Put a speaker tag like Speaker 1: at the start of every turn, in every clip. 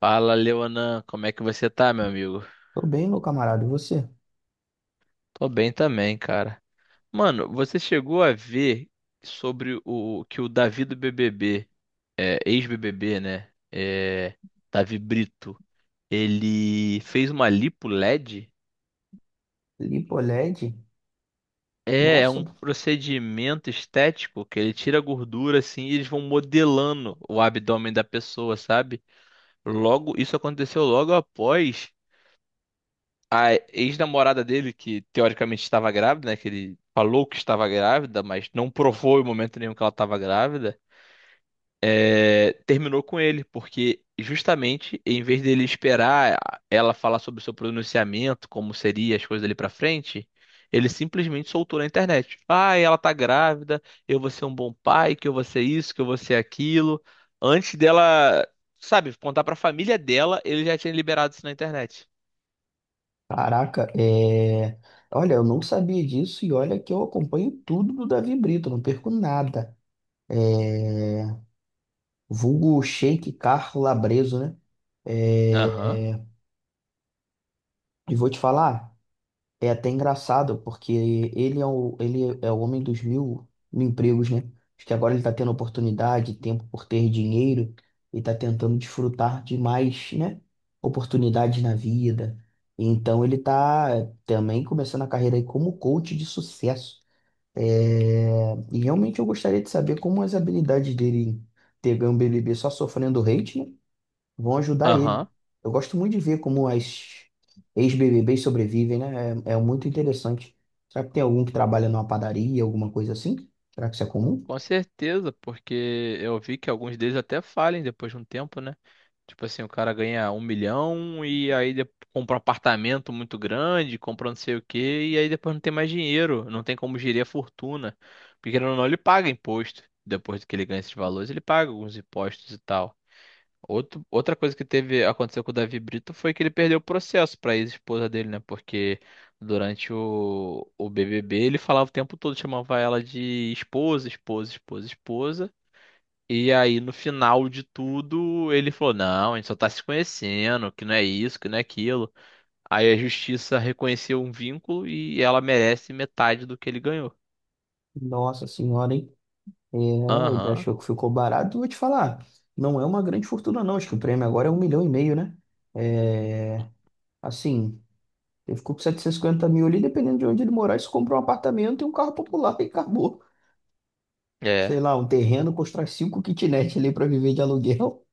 Speaker 1: Fala, Leonan, como é que você tá, meu amigo?
Speaker 2: Tô bem, meu camarada. E você?
Speaker 1: Tô bem também, cara. Mano, você chegou a ver sobre o que o Davi do BBB, ex-BBB, né? Davi Brito, ele fez uma lipo LED?
Speaker 2: Lipoled?
Speaker 1: É, é
Speaker 2: Nossa,
Speaker 1: um procedimento estético que ele tira a gordura assim e eles vão modelando o abdômen da pessoa, sabe? Logo, isso aconteceu logo após a ex-namorada dele, que teoricamente estava grávida, né? Que ele falou que estava grávida, mas não provou em momento nenhum que ela estava grávida, terminou com ele, porque justamente em vez dele esperar ela falar sobre o seu pronunciamento, como seria as coisas dali pra frente. Ele simplesmente soltou na internet. Ah, ela tá grávida, eu vou ser um bom pai, que eu vou ser isso, que eu vou ser aquilo. Antes dela, sabe, contar pra família dela, ele já tinha liberado isso na internet.
Speaker 2: caraca, Olha, eu não sabia disso e olha que eu acompanho tudo do Davi Brito, não perco nada. É... Vulgo Shake Carro Labreso, né?
Speaker 1: Aham,
Speaker 2: É... é, E vou te falar, é até engraçado, porque ele é o homem dos mil empregos, né? Acho que agora ele está tendo oportunidade, tempo por ter dinheiro, e está tentando desfrutar de mais, né? Oportunidades na vida. Então ele está também começando a carreira aí como coach de sucesso. E realmente eu gostaria de saber como as habilidades dele em ter ganho o BBB só sofrendo hate, né, vão ajudar
Speaker 1: aham.
Speaker 2: ele. Eu gosto muito de ver como as ex-BBBs sobrevivem, né? É, é muito interessante. Será que tem algum que trabalha numa padaria, alguma coisa assim? Será que isso é comum?
Speaker 1: Com certeza, porque eu vi que alguns deles até falem depois de um tempo, né? Tipo assim, o cara ganha 1 milhão e aí compra um apartamento muito grande, compra não sei o quê, e aí depois não tem mais dinheiro, não tem como gerir a fortuna. Porque querendo ou não, ele paga imposto. Depois que ele ganha esses valores, ele paga alguns impostos e tal. Outro, outra coisa que teve aconteceu com o Davi Brito foi que ele perdeu o processo para a ex-esposa dele, né? Porque durante o BBB ele falava o tempo todo, chamava ela de esposa, esposa, esposa, esposa. E aí no final de tudo ele falou: Não, a gente só tá se conhecendo, que não é isso, que não é aquilo. Aí a justiça reconheceu um vínculo e ela merece metade do que ele ganhou.
Speaker 2: Nossa senhora, hein? É, ele
Speaker 1: Aham,
Speaker 2: achou que ficou barato. Vou te falar, não é uma grande fortuna, não. Acho que o prêmio agora é um milhão e meio, né? É, assim, ele ficou com setecentos e cinquenta mil ali, dependendo de onde ele morar, isso compra um apartamento e um carro popular e acabou.
Speaker 1: é,
Speaker 2: Sei lá, um terreno, constrói cinco kitnet ali para viver de aluguel.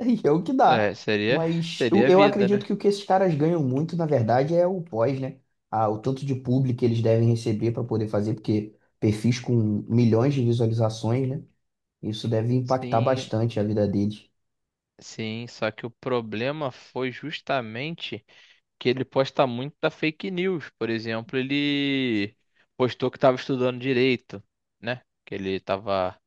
Speaker 2: E é o que dá.
Speaker 1: é, seria,
Speaker 2: Mas eu,
Speaker 1: seria a
Speaker 2: eu
Speaker 1: vida,
Speaker 2: acredito
Speaker 1: né?
Speaker 2: que o que esses caras ganham muito, na verdade, é o pós, né? Ah, o tanto de público que eles devem receber para poder fazer, porque perfis com milhões de visualizações, né? Isso deve impactar
Speaker 1: Sim,
Speaker 2: bastante a vida deles.
Speaker 1: sim, só que o problema foi justamente que ele posta muita fake news. Por exemplo, ele postou que estava estudando direito, né? Que ele estava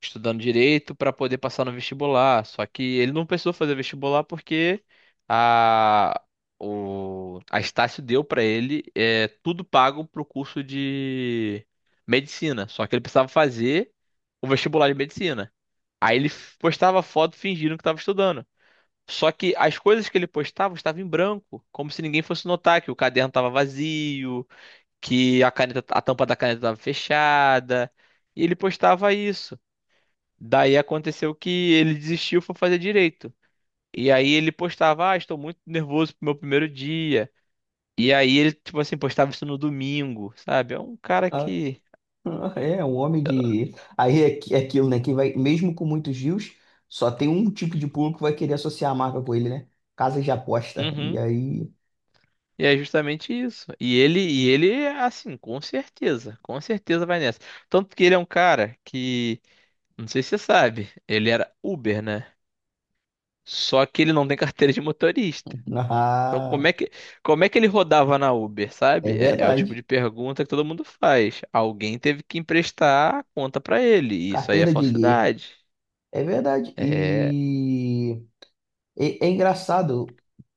Speaker 1: estudando direito para poder passar no vestibular. Só que ele não precisou fazer vestibular porque a, a Estácio deu para ele tudo pago para o curso de medicina. Só que ele precisava fazer o vestibular de medicina. Aí ele postava foto fingindo que estava estudando. Só que as coisas que ele postava estavam em branco, como se ninguém fosse notar que o caderno estava vazio, que a caneta, a tampa da caneta estava fechada. E ele postava isso. Daí aconteceu que ele desistiu e foi fazer direito. E aí ele postava, ah, estou muito nervoso pro meu primeiro dia. E aí ele, tipo assim, postava isso no domingo, sabe? É um cara
Speaker 2: Ah,
Speaker 1: que.
Speaker 2: um homem de. Aí é, é aquilo, né? Que vai, mesmo com muitos views, só tem um tipo de público que vai querer associar a marca com ele, né? Casas de aposta. E
Speaker 1: Uhum.
Speaker 2: aí.
Speaker 1: E é justamente isso. E ele, assim, com certeza vai nessa. Tanto que ele é um cara que, não sei se você sabe, ele era Uber, né? Só que ele não tem carteira de motorista. Então,
Speaker 2: Ah,
Speaker 1: como é que ele rodava na Uber,
Speaker 2: é
Speaker 1: sabe? É, é o tipo de
Speaker 2: verdade.
Speaker 1: pergunta que todo mundo faz. Alguém teve que emprestar a conta pra ele. E isso aí é
Speaker 2: Carteira de gay.
Speaker 1: falsidade.
Speaker 2: É verdade.
Speaker 1: É,
Speaker 2: E é, é engraçado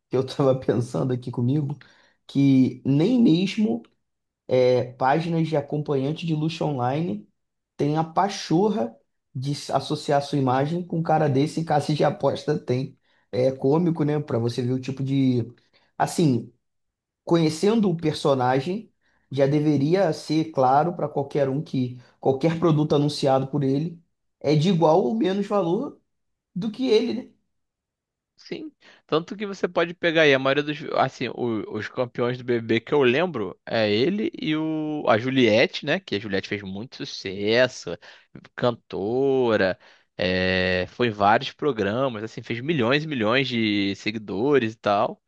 Speaker 2: que eu estava pensando aqui comigo que nem mesmo páginas de acompanhante de luxo online tem a pachorra de associar sua imagem com um cara desse em casa de aposta tem. É cômico, né? Para você ver o tipo de. Assim, conhecendo o personagem, já deveria ser claro para qualquer um que qualquer produto anunciado por ele é de igual ou menos valor do que ele, né?
Speaker 1: sim, tanto que você pode pegar aí a maioria dos, assim, os campeões do BBB que eu lembro é ele e a Juliette, né? Que a Juliette fez muito sucesso, cantora, foi em vários programas, assim, fez milhões e milhões de seguidores e tal.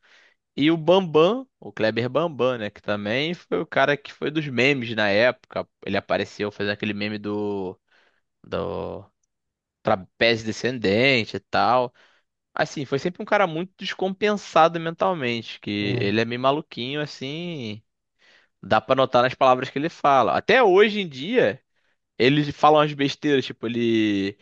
Speaker 1: E o Bambam, o Kleber Bambam, né? Que também foi o cara que foi dos memes na época. Ele apareceu fazendo aquele meme do trapézio descendente e tal. Assim, foi sempre um cara muito descompensado mentalmente, que
Speaker 2: É,
Speaker 1: ele é meio maluquinho, assim, dá pra notar nas palavras que ele fala. Até hoje em dia, ele fala umas besteiras, tipo,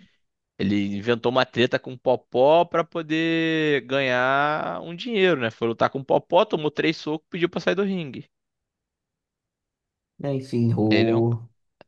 Speaker 1: ele inventou uma treta com o Popó pra poder ganhar um dinheiro, né? Foi lutar com o Popó, tomou três socos, pediu pra sair do ringue.
Speaker 2: É, enfim,
Speaker 1: Ele é um...
Speaker 2: o,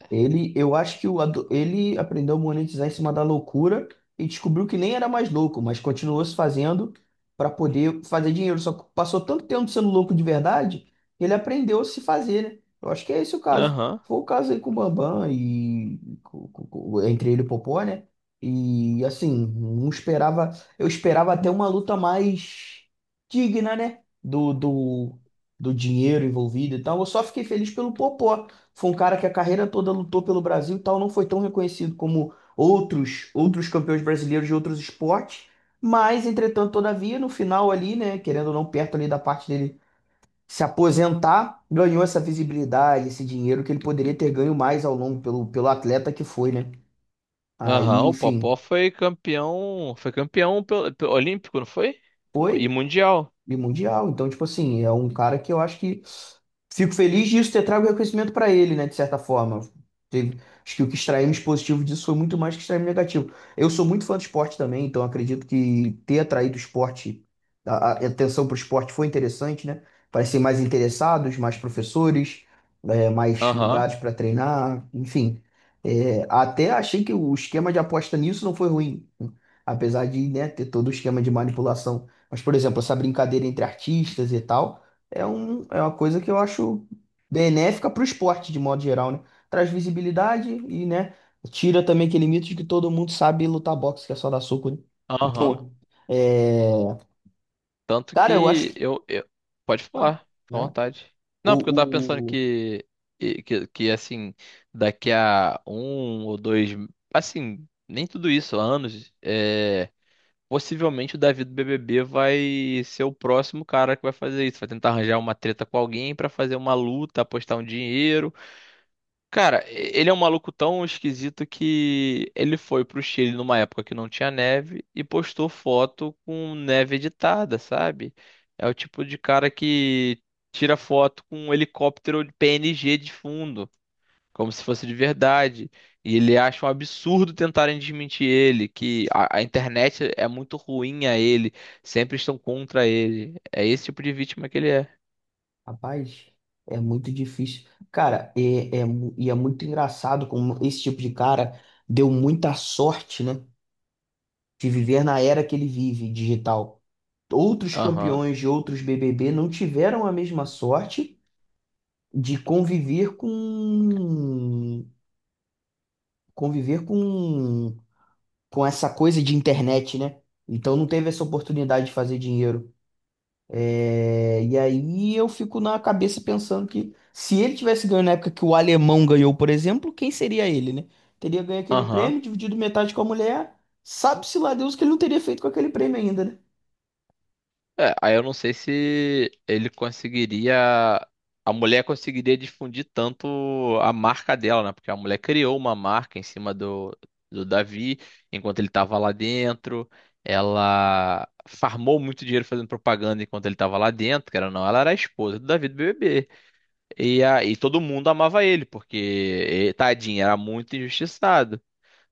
Speaker 2: ele, eu acho que ele aprendeu a monetizar em cima da loucura e descobriu que nem era mais louco, mas continuou se fazendo para poder fazer dinheiro. Só que passou tanto tempo sendo louco de verdade, ele aprendeu a se fazer, né? Eu acho que é esse o caso.
Speaker 1: Aham.
Speaker 2: Foi o caso aí com o Bambam e entre ele e o Popó, né? E assim, não esperava, eu esperava até uma luta mais digna, né? Do dinheiro envolvido e tal. Eu só fiquei feliz pelo Popó, foi um cara que a carreira toda lutou pelo Brasil e tal, não foi tão reconhecido como outros campeões brasileiros de outros esportes, mas entretanto, todavia, no final ali, né, querendo ou não, perto ali da parte dele se aposentar, ganhou essa visibilidade, esse dinheiro que ele poderia ter ganho mais ao longo pelo atleta que foi, né? Aí,
Speaker 1: Aham, o Popó
Speaker 2: enfim,
Speaker 1: foi campeão olímpico, não foi? E
Speaker 2: foi
Speaker 1: mundial.
Speaker 2: e mundial. Então, tipo assim, é um cara que eu acho que fico feliz disso ter trago reconhecimento para ele, né? De certa forma. Teve- Acho que o que extraímos positivo disso foi muito mais que extraímos negativo. Eu sou muito fã do esporte também, então acredito que ter atraído o esporte, a atenção para o esporte foi interessante, né? Parecem mais interessados, mais professores, mais
Speaker 1: Aham,
Speaker 2: lugares para treinar, enfim. É, até achei que o esquema de aposta nisso não foi ruim, né? Apesar de, né, ter todo o esquema de manipulação. Mas, por exemplo, essa brincadeira entre artistas e tal. É uma coisa que eu acho benéfica para o esporte, de modo geral, né? Traz visibilidade e, né, tira também aquele mito de que todo mundo sabe lutar boxe, que é só dar soco, né?
Speaker 1: aham.
Speaker 2: Então, é...
Speaker 1: Tanto
Speaker 2: cara, eu acho
Speaker 1: que
Speaker 2: que,
Speaker 1: eu- Pode falar, fica à
Speaker 2: né?
Speaker 1: vontade. Não, porque eu tava pensando
Speaker 2: O, o...
Speaker 1: que, assim, daqui a um ou dois, assim, nem tudo isso, anos, possivelmente o Davi do BBB vai ser o próximo cara que vai fazer isso. Vai tentar arranjar uma treta com alguém pra fazer uma luta, apostar um dinheiro. Cara, ele é um maluco tão esquisito que ele foi pro Chile numa época que não tinha neve e postou foto com neve editada, sabe? É o tipo de cara que tira foto com um helicóptero de PNG de fundo, como se fosse de verdade. E ele acha um absurdo tentarem desmentir ele, que a internet é muito ruim a ele, sempre estão contra ele. É esse tipo de vítima que ele é.
Speaker 2: Rapaz, é muito difícil. Cara, e é muito engraçado como esse tipo de cara deu muita sorte, né? De viver na era que ele vive, digital. Outros
Speaker 1: Aham,
Speaker 2: campeões de outros BBB não tiveram a mesma sorte de conviver com essa coisa de internet, né? Então não teve essa oportunidade de fazer dinheiro. É, e aí eu fico na cabeça pensando que se ele tivesse ganho na época que o alemão ganhou, por exemplo, quem seria ele, né? Teria ganho aquele
Speaker 1: aham.
Speaker 2: prêmio, dividido metade com a mulher. Sabe-se lá Deus o que ele não teria feito com aquele prêmio ainda, né?
Speaker 1: É, aí eu não sei se ele conseguiria. A mulher conseguiria difundir tanto a marca dela, né? Porque a mulher criou uma marca em cima do Davi, enquanto ele estava lá dentro. Ela farmou muito dinheiro fazendo propaganda enquanto ele estava lá dentro, que era não, ela era a esposa do Davi do BBB. E, todo mundo amava ele, porque tadinho, era muito injustiçado.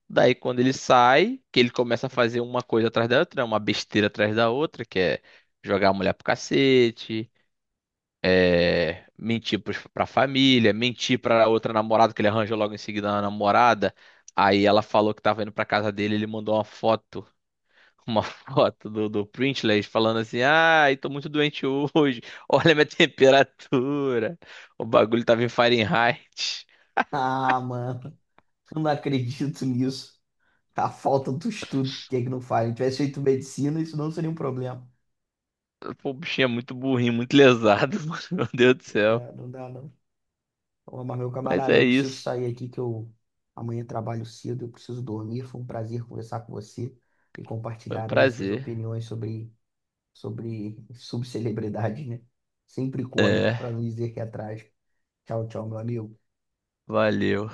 Speaker 1: Daí quando ele sai, que ele começa a fazer uma coisa atrás da outra, né, uma besteira atrás da outra, que é jogar a mulher pro cacete, mentir pra família, mentir pra outra namorada, que ele arranjou logo em seguida uma namorada. Aí ela falou que tava indo pra casa dele, ele mandou uma foto, uma foto do Printless falando assim, ai, tô muito doente hoje, olha a minha temperatura, o bagulho tava em Fahrenheit.
Speaker 2: Ah, mano, eu não acredito nisso. A falta do estudo, o que é que não faz? Se tivesse feito medicina, isso não seria um problema.
Speaker 1: Pô, o bichinho é muito burrinho, muito lesado, mano, meu Deus do céu.
Speaker 2: É, não dá, não. Ô, mas meu
Speaker 1: Mas
Speaker 2: camarada,
Speaker 1: é
Speaker 2: eu preciso
Speaker 1: isso.
Speaker 2: sair aqui que eu amanhã trabalho cedo, eu preciso dormir. Foi um prazer conversar com você e
Speaker 1: Foi um
Speaker 2: compartilhar aí essas
Speaker 1: prazer.
Speaker 2: opiniões sobre, sobre subcelebridade, né? Sempre cômico, para não dizer que é trágico. Tchau, tchau, meu amigo.
Speaker 1: Valeu.